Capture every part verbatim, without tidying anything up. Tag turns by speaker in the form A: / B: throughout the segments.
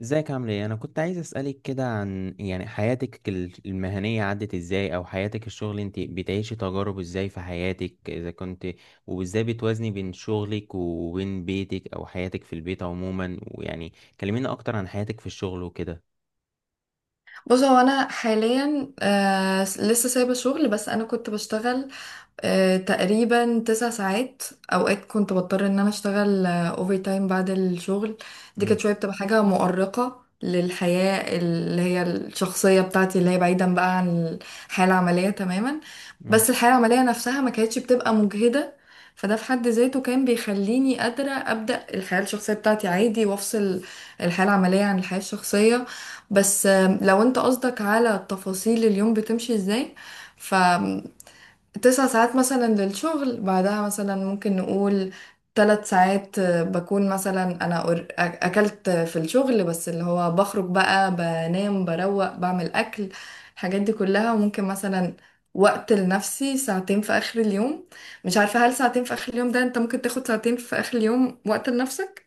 A: ازيك عامل ايه؟ انا كنت عايز اسالك كده عن يعني حياتك ال- المهنيه عدت ازاي، او حياتك الشغل انت بتعيشي تجارب ازاي في حياتك اذا كنت، وازاي بتوازني بين شغلك وبين بيتك او حياتك في البيت عموما، ويعني كلمينا اكتر عن حياتك في الشغل وكده.
B: بص هو انا حاليا آه لسه سايبه شغل، بس انا كنت بشتغل آه، تقريبا تسع ساعات. اوقات كنت بضطر ان انا اشتغل اوفر تايم بعد الشغل. دي كانت
A: امم
B: شويه بتبقى حاجه مؤرقه للحياه اللي هي الشخصيه بتاعتي، اللي هي بعيدا بقى عن الحياه العمليه تماما. بس
A: امم.
B: الحياه العمليه نفسها ما كانتش بتبقى مجهده، فده في حد ذاته كان بيخليني قادره ابدا الحياه الشخصيه بتاعتي عادي، وافصل الحياه العمليه عن الحياه الشخصيه. بس آه، لو انت قصدك على تفاصيل اليوم بتمشي ازاي، تسع ساعات مثلا للشغل، بعدها مثلا ممكن نقول ثلاث ساعات بكون مثلا انا أر- اكلت في الشغل، بس اللي هو بخرج بقى، بنام، بروق، بعمل اكل، الحاجات دي كلها. وممكن مثلا وقت لنفسي ساعتين في اخر اليوم. مش عارفة، هل ساعتين في اخر اليوم ده انت ممكن تاخد ساعتين في اخر اليوم وقت لنفسك؟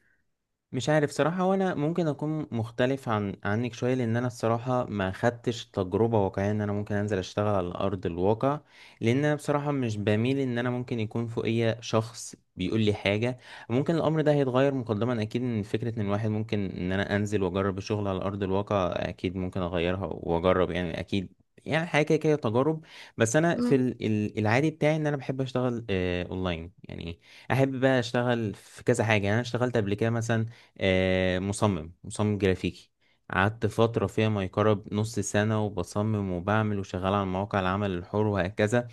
A: مش عارف صراحة، وانا ممكن اكون مختلف عن عنك شوية، لان انا الصراحة ما خدتش تجربة واقعية ان انا ممكن انزل اشتغل على ارض الواقع، لان انا بصراحة مش بميل ان انا ممكن يكون فوقيا شخص بيقول لي حاجة. ممكن الامر ده هيتغير مقدما اكيد، ان فكرة ان الواحد ممكن ان انا انزل واجرب الشغل على ارض الواقع اكيد ممكن اغيرها واجرب، يعني اكيد يعني حاجة كده كده تجارب. بس أنا في
B: مم،
A: ال- ال- العادي بتاعي إن أنا بحب أشتغل آه، أونلاين يعني. أحب بقى أشتغل في كذا حاجة، يعني أنا اشتغلت قبل كده مثلا آه، مصمم مصمم جرافيكي، قعدت فترة فيها ما يقرب نص سنة، وبصمم وبعمل وشغال على مواقع العمل الحر وهكذا.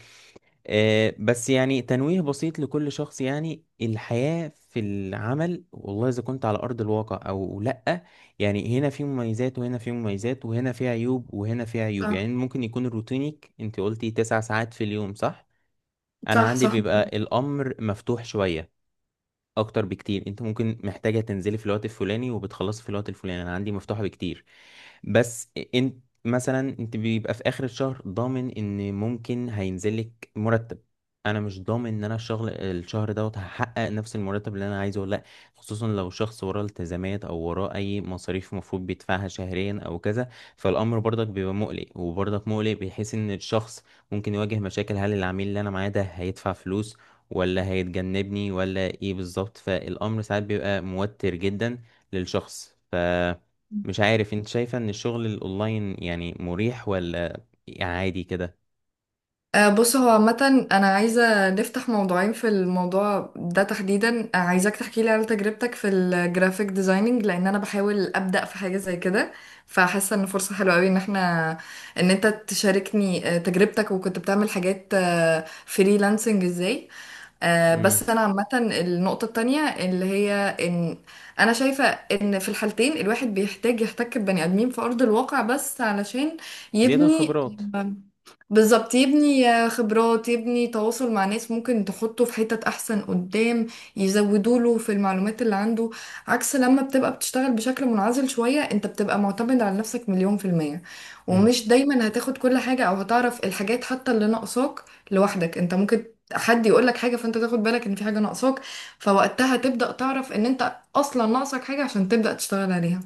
A: آه، بس يعني تنويه بسيط لكل شخص، يعني الحياة في العمل والله إذا كنت على أرض الواقع أو لأ، يعني هنا في مميزات وهنا في مميزات، وهنا في عيوب وهنا في عيوب،
B: صح
A: يعني ممكن يكون روتينك، أنت قلتي تسع ساعات في اليوم صح؟ أنا
B: صح
A: عندي
B: صح.
A: بيبقى الأمر مفتوح شوية اكتر بكتير، انت ممكن محتاجه تنزلي في الوقت الفلاني وبتخلصي في الوقت الفلاني، انا عندي مفتوحه بكتير. بس انت مثلا انت بيبقى في اخر الشهر ضامن ان ممكن هينزلك مرتب، انا مش ضامن ان انا الشغل الشهر دوت هحقق نفس المرتب اللي انا عايزه ولا لا. خصوصا لو شخص وراه التزامات او وراه اي مصاريف مفروض بيدفعها شهريا او كذا، فالامر برضك بيبقى مقلق، وبرضك مقلق بحيث ان الشخص ممكن يواجه مشاكل. هل العميل اللي انا معاه ده هيدفع فلوس ولا هيتجنبني ولا ايه بالظبط؟ فالامر ساعات بيبقى موتر جدا للشخص. ف مش عارف انت شايفة ان الشغل الاونلاين يعني مريح، ولا عادي كده؟
B: آه، بص هو عامة أنا عايزة نفتح موضوعين في الموضوع ده تحديدا. آه، عايزاك تحكي لي على تجربتك في الجرافيك ديزايننج، لأن أنا بحاول أبدأ في حاجة زي كده، فحاسة إن فرصة حلوة أوي إن احنا، إن أنت تشاركني آه، تجربتك، وكنت بتعمل حاجات فريلانسنج إزاي. آه،
A: امم.
B: بس أنا عامة النقطة التانية اللي هي إن أنا شايفة إن في الحالتين الواحد بيحتاج يحتك ببني آدمين في أرض الواقع، بس علشان
A: زيادة
B: يبني،
A: الخبرات.
B: بالظبط، يبني خبرات، يبني تواصل مع ناس ممكن تحطه في حتت احسن قدام، يزودوا له في المعلومات اللي عنده. عكس لما بتبقى بتشتغل بشكل منعزل شوية، انت بتبقى معتمد على نفسك مليون في المية،
A: امم.
B: ومش دايما هتاخد كل حاجة، او هتعرف الحاجات حتى اللي ناقصاك لوحدك. انت ممكن حد يقول لك حاجة، فانت تاخد بالك ان في حاجة ناقصاك، فوقتها تبدأ تعرف ان انت اصلا ناقصك حاجة عشان تبدأ تشتغل عليها.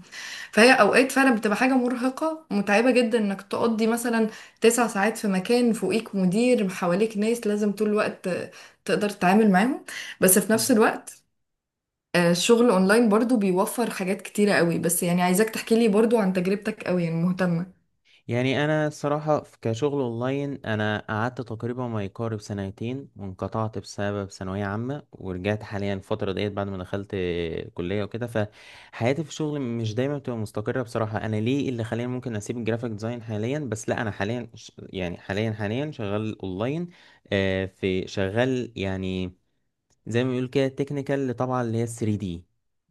B: فهي اوقات فعلا بتبقى حاجه مرهقه متعبه جدا انك تقضي مثلا تسع ساعات في مكان، فوقيك مدير، حواليك ناس لازم طول الوقت تقدر تتعامل معاهم. بس في نفس الوقت، آه، الشغل اونلاين برضو بيوفر حاجات كتيره قوي، بس يعني عايزاك تحكي لي برضو عن تجربتك، قوي يعني مهتمه.
A: يعني انا الصراحة في- كشغل اونلاين انا قعدت تقريبا ما يقارب سنتين وانقطعت بسبب ثانوية عامة، ورجعت حاليا الفترة ديت بعد ما دخلت كلية وكده. فحياتي في الشغل مش دايما بتبقى مستقرة بصراحة، انا ليه اللي خلاني ممكن اسيب الجرافيك ديزاين حاليا، بس لا انا حاليا ش- يعني حاليا حاليا شغال اونلاين. آه، في شغال يعني زي ما بيقول كده التكنيكال، اللي طبعا اللي هي ثري دي،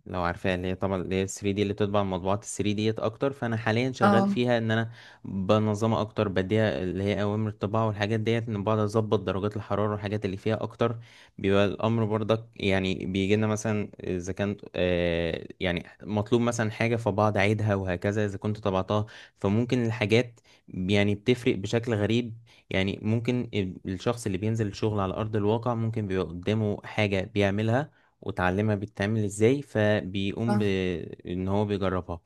A: لو عارفاها اللي هي طبعا اللي هي ثري دي اللي بتطبع المطبوعات ثري ديت اكتر. فانا حاليا شغال
B: اه،
A: فيها ان انا بنظمها اكتر، بديها اللي هي اوامر الطباعه والحاجات ديت، ان بقعد اظبط درجات الحراره والحاجات اللي فيها اكتر. بيبقى الامر برضك يعني بيجي لنا مثلا اذا كان آه يعني مطلوب مثلا حاجه، فبقعد اعيدها وهكذا اذا كنت طبعتها. فممكن الحاجات يعني بتفرق بشكل غريب، يعني ممكن الشخص اللي بينزل الشغل على أرض الواقع ممكن بيبقى قدامه حاجة بيعملها وتعلمها بتتعمل ازاي، فبيقوم
B: صح.
A: بإن هو بيجربها.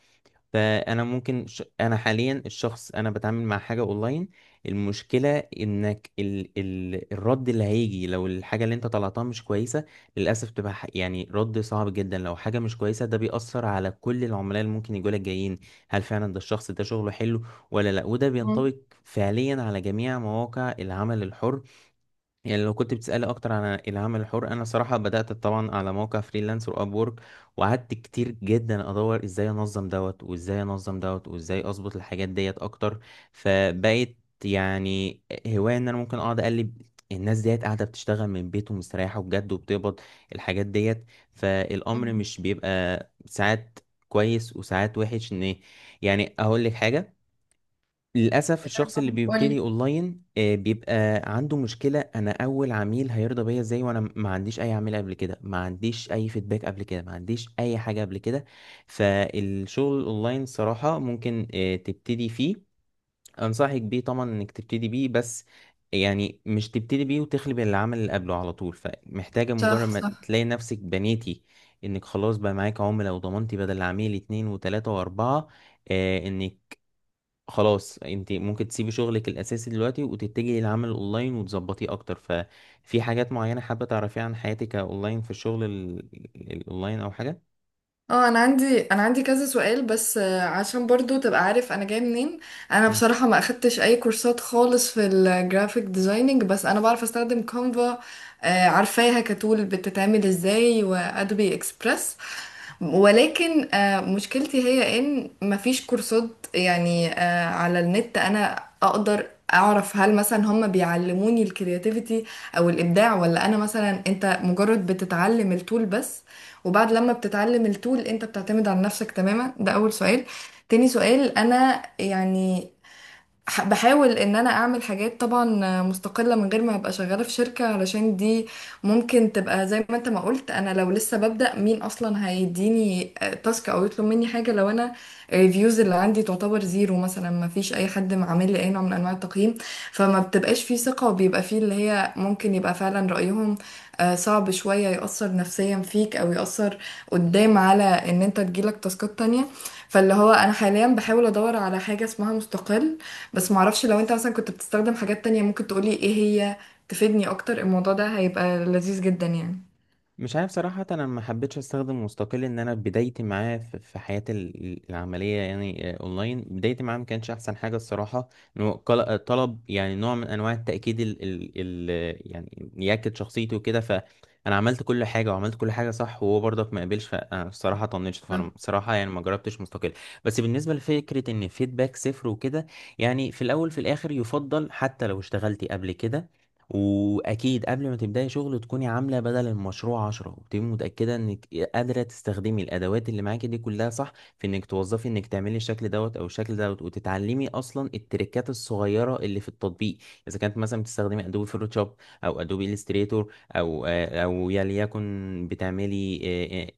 A: فانا ممكن ش... انا حاليا الشخص انا بتعامل مع حاجه اونلاين، المشكله انك ال... ال... الرد اللي هيجي لو الحاجه اللي انت طلعتها مش كويسه، للاسف تبقى ح- يعني رد صعب جدا. لو حاجه مش كويسه ده بيأثر على كل العملاء اللي ممكن يجوا لك جايين، هل فعلا ده الشخص ده شغله حلو ولا لا؟ وده
B: مم.
A: بينطبق فعليا على جميع مواقع العمل الحر. يعني لو كنت بتسألي أكتر عن العمل الحر، أنا صراحة بدأت طبعا على موقع فريلانس وأب وورك، وقعدت كتير جدا أدور إزاي أنظم دوت وإزاي أنظم دوت وإزاي أظبط الحاجات ديت أكتر. فبقيت يعني هواية إن أنا ممكن أقعد أقلب، الناس ديت قاعدة بتشتغل من بيت ومستريحة بجد وبتقبض الحاجات ديت. فالأمر
B: مم.
A: مش بيبقى ساعات كويس وساعات وحش، إن يعني أقول لك حاجة، للأسف الشخص اللي
B: قولي.
A: بيبتدي أونلاين آه، بيبقى عنده مشكلة، أنا أول عميل هيرضى بيا إزاي وأنا ما عنديش أي عميل قبل كده، ما عنديش أي فيدباك قبل كده، ما عنديش أي حاجة قبل كده. فالشغل الأونلاين صراحة ممكن آه، تبتدي فيه، أنصحك بيه طبعا إنك تبتدي بيه، بس يعني مش تبتدي بيه وتخلي بالعمل اللي قبله على طول، فمحتاجة مجرد ما
B: صح.
A: تلاقي نفسك بنيتي إنك خلاص بقى معاك عملاء وضمنتي بدل عميل اتنين وتلاتة وأربعة، آه، انك خلاص انت ممكن تسيبي شغلك الاساسي دلوقتي وتتجهي للعمل الاونلاين وتظبطيه اكتر. ففي حاجات معينة حابة تعرفيها عن حياتك اونلاين في الشغل ال- ال- الاونلاين او حاجة؟
B: اه، انا عندي انا عندي كذا سؤال، بس آه، عشان برضو تبقى عارف انا جايه منين. انا بصراحه ما اخدتش اي كورسات خالص في الجرافيك ديزايننج، بس انا بعرف استخدم كانفا، آه، عارفاها كتول بتتعمل ازاي، وادوبي اكسبريس. ولكن آه، مشكلتي هي ان مفيش كورسات، يعني آه، على النت انا اقدر اعرف هل مثلا هم بيعلموني الكرياتيفيتي او الابداع، ولا انا مثلا، انت مجرد بتتعلم التول بس، وبعد لما بتتعلم التول انت بتعتمد على نفسك تماما. ده اول سؤال. تاني سؤال، انا يعني ح- بحاول ان انا اعمل حاجات طبعا مستقلة من غير ما ابقى شغالة في شركة، علشان دي ممكن تبقى زي ما انت ما قلت، انا لو لسه ببدأ مين اصلا هيديني آه، تاسك او يطلب مني حاجة؟ لو انا الريفيوز اللي عندي تعتبر زيرو مثلا، ما فيش اي حد عامل لي اي نوع من انواع التقييم، فما بتبقاش فيه ثقة، وبيبقى فيه اللي هي ممكن يبقى فعلا رأيهم آه، صعب شوية، يأثر نفسيا فيك، او يأثر قدام على ان انت تجيلك تاسكات تانية. فاللي هو انا حاليا بحاول ادور على حاجة اسمها مستقل، بس معرفش، لو انت مثلا كنت بتستخدم حاجات تانية ممكن تقولي ايه هي؟ تفيدني اكتر، الموضوع ده هيبقى لذيذ جدا يعني.
A: مش عارف صراحة، أنا ما حبيتش أستخدم مستقل، إن أنا بدايتي معاه في في حياتي ال- العملية يعني آه، أونلاين، بدايتي معاه ما كانش أحسن حاجة الصراحة. إنه قل- آه، طلب يعني نوع من أنواع التأكيد ال ال ال يعني يأكد شخصيته وكده. فأنا عملت كل حاجة وعملت كل حاجة صح، وهو برضك ما قبلش، فأنا الصراحة طنشت، فأنا
B: صح
A: الصراحة يعني ما جربتش مستقل. بس بالنسبة لفكرة إن فيدباك صفر وكده، يعني في الأول في الآخر يفضل حتى لو اشتغلتي قبل كده، واكيد قبل ما تبداي شغل تكوني عامله بدل المشروع عشرة، وتبقي متاكده انك قادره تستخدمي الادوات اللي معاكي دي كلها صح، في انك توظفي انك تعملي الشكل دوت او الشكل دوت، وتتعلمي اصلا التريكات الصغيره اللي في التطبيق. اذا كانت مثلا بتستخدمي ادوبي فوتوشوب او ادوبي الستريتور او آه، او يا ليكن بتعملي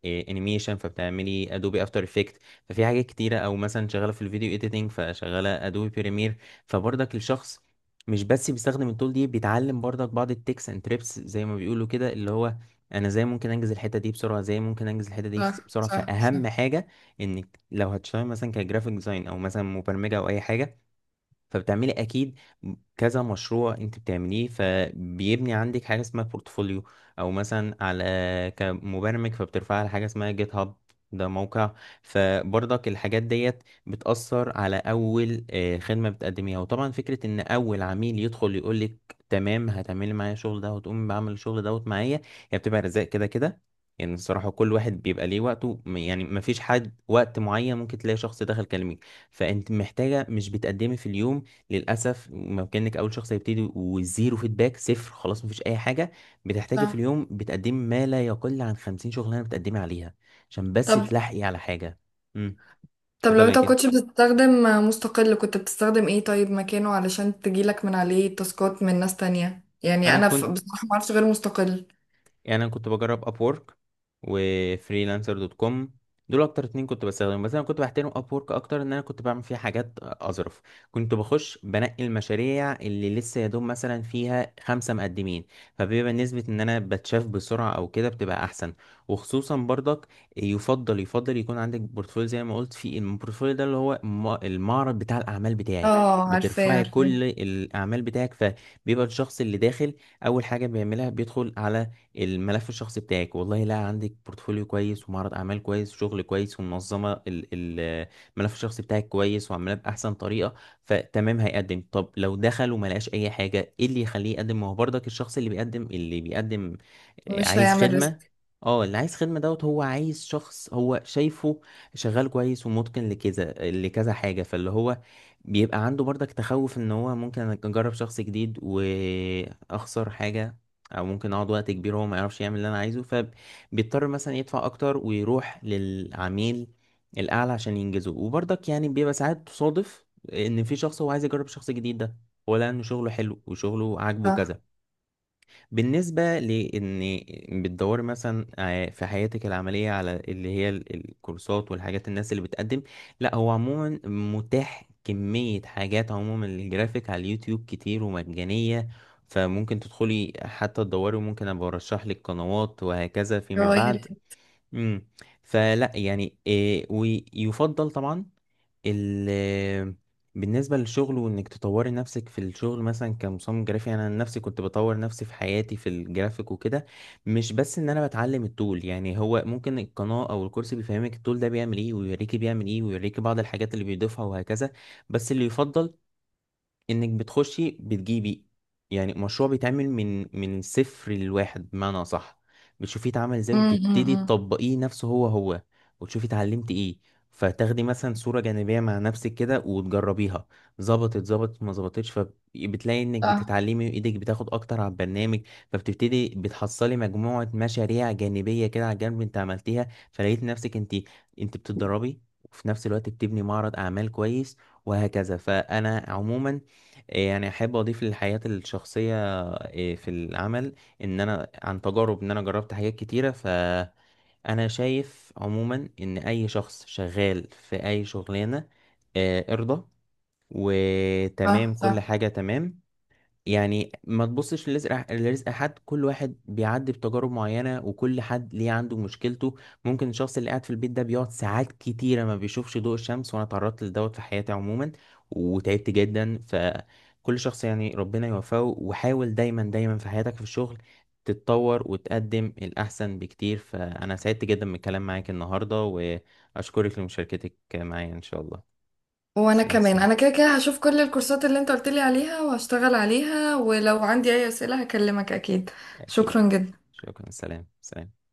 A: انيميشن فبتعملي ادوبي افتر افكت، ففي حاجات كتيره، او مثلا شغاله في الفيديو اديتنج فشغاله ادوبي بريمير. فبرضك الشخص مش بس بيستخدم التول دي، بيتعلم برضك بعض التكس اند تريبس زي ما بيقولوا كده، اللي هو انا ازاي ممكن انجز الحته دي بسرعه، ازاي ممكن انجز الحته دي بس-
B: صح
A: بسرعه.
B: صح صح
A: فاهم حاجه، انك لو هتشتغل مثلا كجرافيك ديزاين او مثلا مبرمجه او اي حاجه، فبتعملي اكيد كذا مشروع انت بتعمليه، فبيبني عندك حاجه اسمها بورتفوليو، او مثلا على كمبرمج فبترفعي على حاجه اسمها جيت هاب، ده موقع. فبرضك الحاجات ديت بتأثر على أول آه، خدمة بتقدميها. وطبعا فكرة إن أول عميل يدخل يقولك تمام هتعملي معايا الشغل ده وتقومي بعمل الشغل دوت معايا، هي بتبقى رزق كده كده. يعني الصراحة كل واحد بيبقى ليه وقته، م- يعني مفيش حد وقت معين، ممكن تلاقي شخص دخل كلمك، فأنت محتاجة مش بتقدمي في اليوم. للاسف ما كانك اول شخص هيبتدي وزيرو فيدباك صفر، خلاص مفيش اي حاجه، بتحتاجي في
B: صح.
A: اليوم بتقدمي ما لا يقل عن خمسين شغلانه بتقدمي عليها عشان بس
B: طب
A: تلحقي على حاجه. امم.
B: طب لو
A: اتفضلي يا
B: انت
A: كده.
B: مكنتش بتستخدم مستقل كنت بتستخدم ايه طيب مكانه، علشان تجيلك من عليه تاسكات من ناس تانية؟ يعني
A: انا
B: انا ف-
A: كنت
B: بصراحة معرفش غير مستقل.
A: يعني انا كنت بجرب ابورك وفريلانسر دوت كوم، دول اكتر اتنين كنت بستخدمهم، بس انا كنت بحترم ابورك اكتر ان انا كنت بعمل فيها حاجات اظرف. كنت بخش بنقي المشاريع اللي لسه يا دوب مثلا فيها خمسة مقدمين، فبيبقى نسبة ان انا بتشاف بسرعة او كده بتبقى احسن. وخصوصا برضك يفضل يفضل يكون عندك بورتفوليو، زي ما قلت في البورتفوليو ده اللي هو الم- المعرض بتاع الاعمال بتاعك،
B: اه، عارفاه
A: بترفعي
B: عارفاه.
A: كل الاعمال بتاعك، فبيبقى الشخص اللي داخل اول حاجه بيعملها بيدخل على الملف الشخصي بتاعك، والله لا عندك بورتفوليو كويس ومعرض اعمال كويس وشغل كويس ومنظمه ال- ال- الملف الشخصي بتاعك كويس وعاملاه باحسن طريقه، فتمام هيقدم. طب لو دخل وما لقاش اي حاجه ايه اللي يخليه يقدم؟ ما هو برضك الشخص اللي بيقدم اللي بيقدم آه،
B: مش
A: عايز
B: هيعمل
A: خدمه.
B: ريسك.
A: اه اللي عايز خدمه دوت هو عايز شخص هو شايفه شغال كويس ومتقن لكذا لكذا حاجه، فاللي هو بيبقى عنده برضك تخوف ان هو ممكن اجرب شخص جديد واخسر حاجه، او ممكن اقعد وقت كبير وهو ما يعرفش يعمل اللي انا عايزه، فبيضطر مثلا يدفع اكتر ويروح للعميل الاعلى عشان ينجزه. وبرضك يعني بيبقى ساعات تصادف ان في شخص هو عايز يجرب شخص جديد ده، هو لقى ان شغله حلو وشغله عاجبه
B: صح.
A: كذا. بالنسبة لإن بتدوري مثلا آه، في حياتك العملية على اللي هي ال- الكورسات والحاجات الناس اللي بتقدم، لا هو عموما متاح كمية حاجات، عموما الجرافيك على اليوتيوب كتير ومجانية، فممكن تدخلي حتى تدوري، وممكن أبقى أرشح لك قنوات وهكذا فيما بعد.
B: يغير.
A: امم. فلا يعني إيه، ويفضل طبعا ال بالنسبة للشغل وانك تطوري نفسك في الشغل مثلا كمصمم جرافي، انا عن نفسي كنت بطور نفسي في حياتي في الجرافيك وكده، مش بس ان انا بتعلم التول، يعني هو ممكن القناة او الكورس بيفهمك التول ده بيعمل ايه ويوريكي بيعمل ايه ويوريكي بعض الحاجات اللي بيضيفها وهكذا. بس اللي يفضل انك بتخشي بتجيبي يعني مشروع بيتعمل من من صفر لواحد بمعنى صح، بتشوفيه اتعمل ازاي
B: امم
A: وتبتدي
B: امم.
A: تطبقيه نفسه هو هو، وتشوفي اتعلمت ايه. فتاخدي مثلا صورة جانبية مع نفسك كده وتجربيها، ظبطت ظبطت ما ظبطتش، فبتلاقي انك
B: صح
A: بتتعلمي وايدك بتاخد اكتر على البرنامج. فبتبتدي بتحصلي مجموعة مشاريع جانبية كده على الجنب انت عملتيها، فلقيت نفسك انت انت بتتدربي وفي نفس الوقت بتبني معرض اعمال كويس وهكذا. فانا عموما إيه يعني احب اضيف للحياة الشخصية إيه، في العمل، ان انا عن تجارب ان انا جربت حاجات كتيرة، فانا شايف عموما ان اي شخص شغال في اي شغلانة آه، ارضى
B: صح
A: وتمام كل
B: صح.
A: حاجة تمام. يعني ما تبصش لرزق لرزق حد، كل واحد بيعدي بتجارب معينة وكل حد ليه عنده مشكلته. ممكن الشخص اللي قاعد في البيت ده بيقعد ساعات كتيرة ما بيشوفش ضوء الشمس، وانا اتعرضت لدوت في حياتي عموما وتعبت جدا. فكل شخص يعني ربنا يوفقه، وحاول دايما دايما في حياتك في الشغل تتطور وتقدم الأحسن بكتير. فأنا سعدت جدا بالكلام معاك النهاردة وأشكرك لمشاركتك معايا إن شاء الله.
B: وانا
A: تسلم
B: كمان
A: تسلم.
B: انا كده كده هشوف كل الكورسات اللي انت قلت لي عليها، وهشتغل عليها، ولو عندي اي اسئلة هكلمك اكيد.
A: أكيد.
B: شكرا جدا.
A: شكرا، سلام سلام.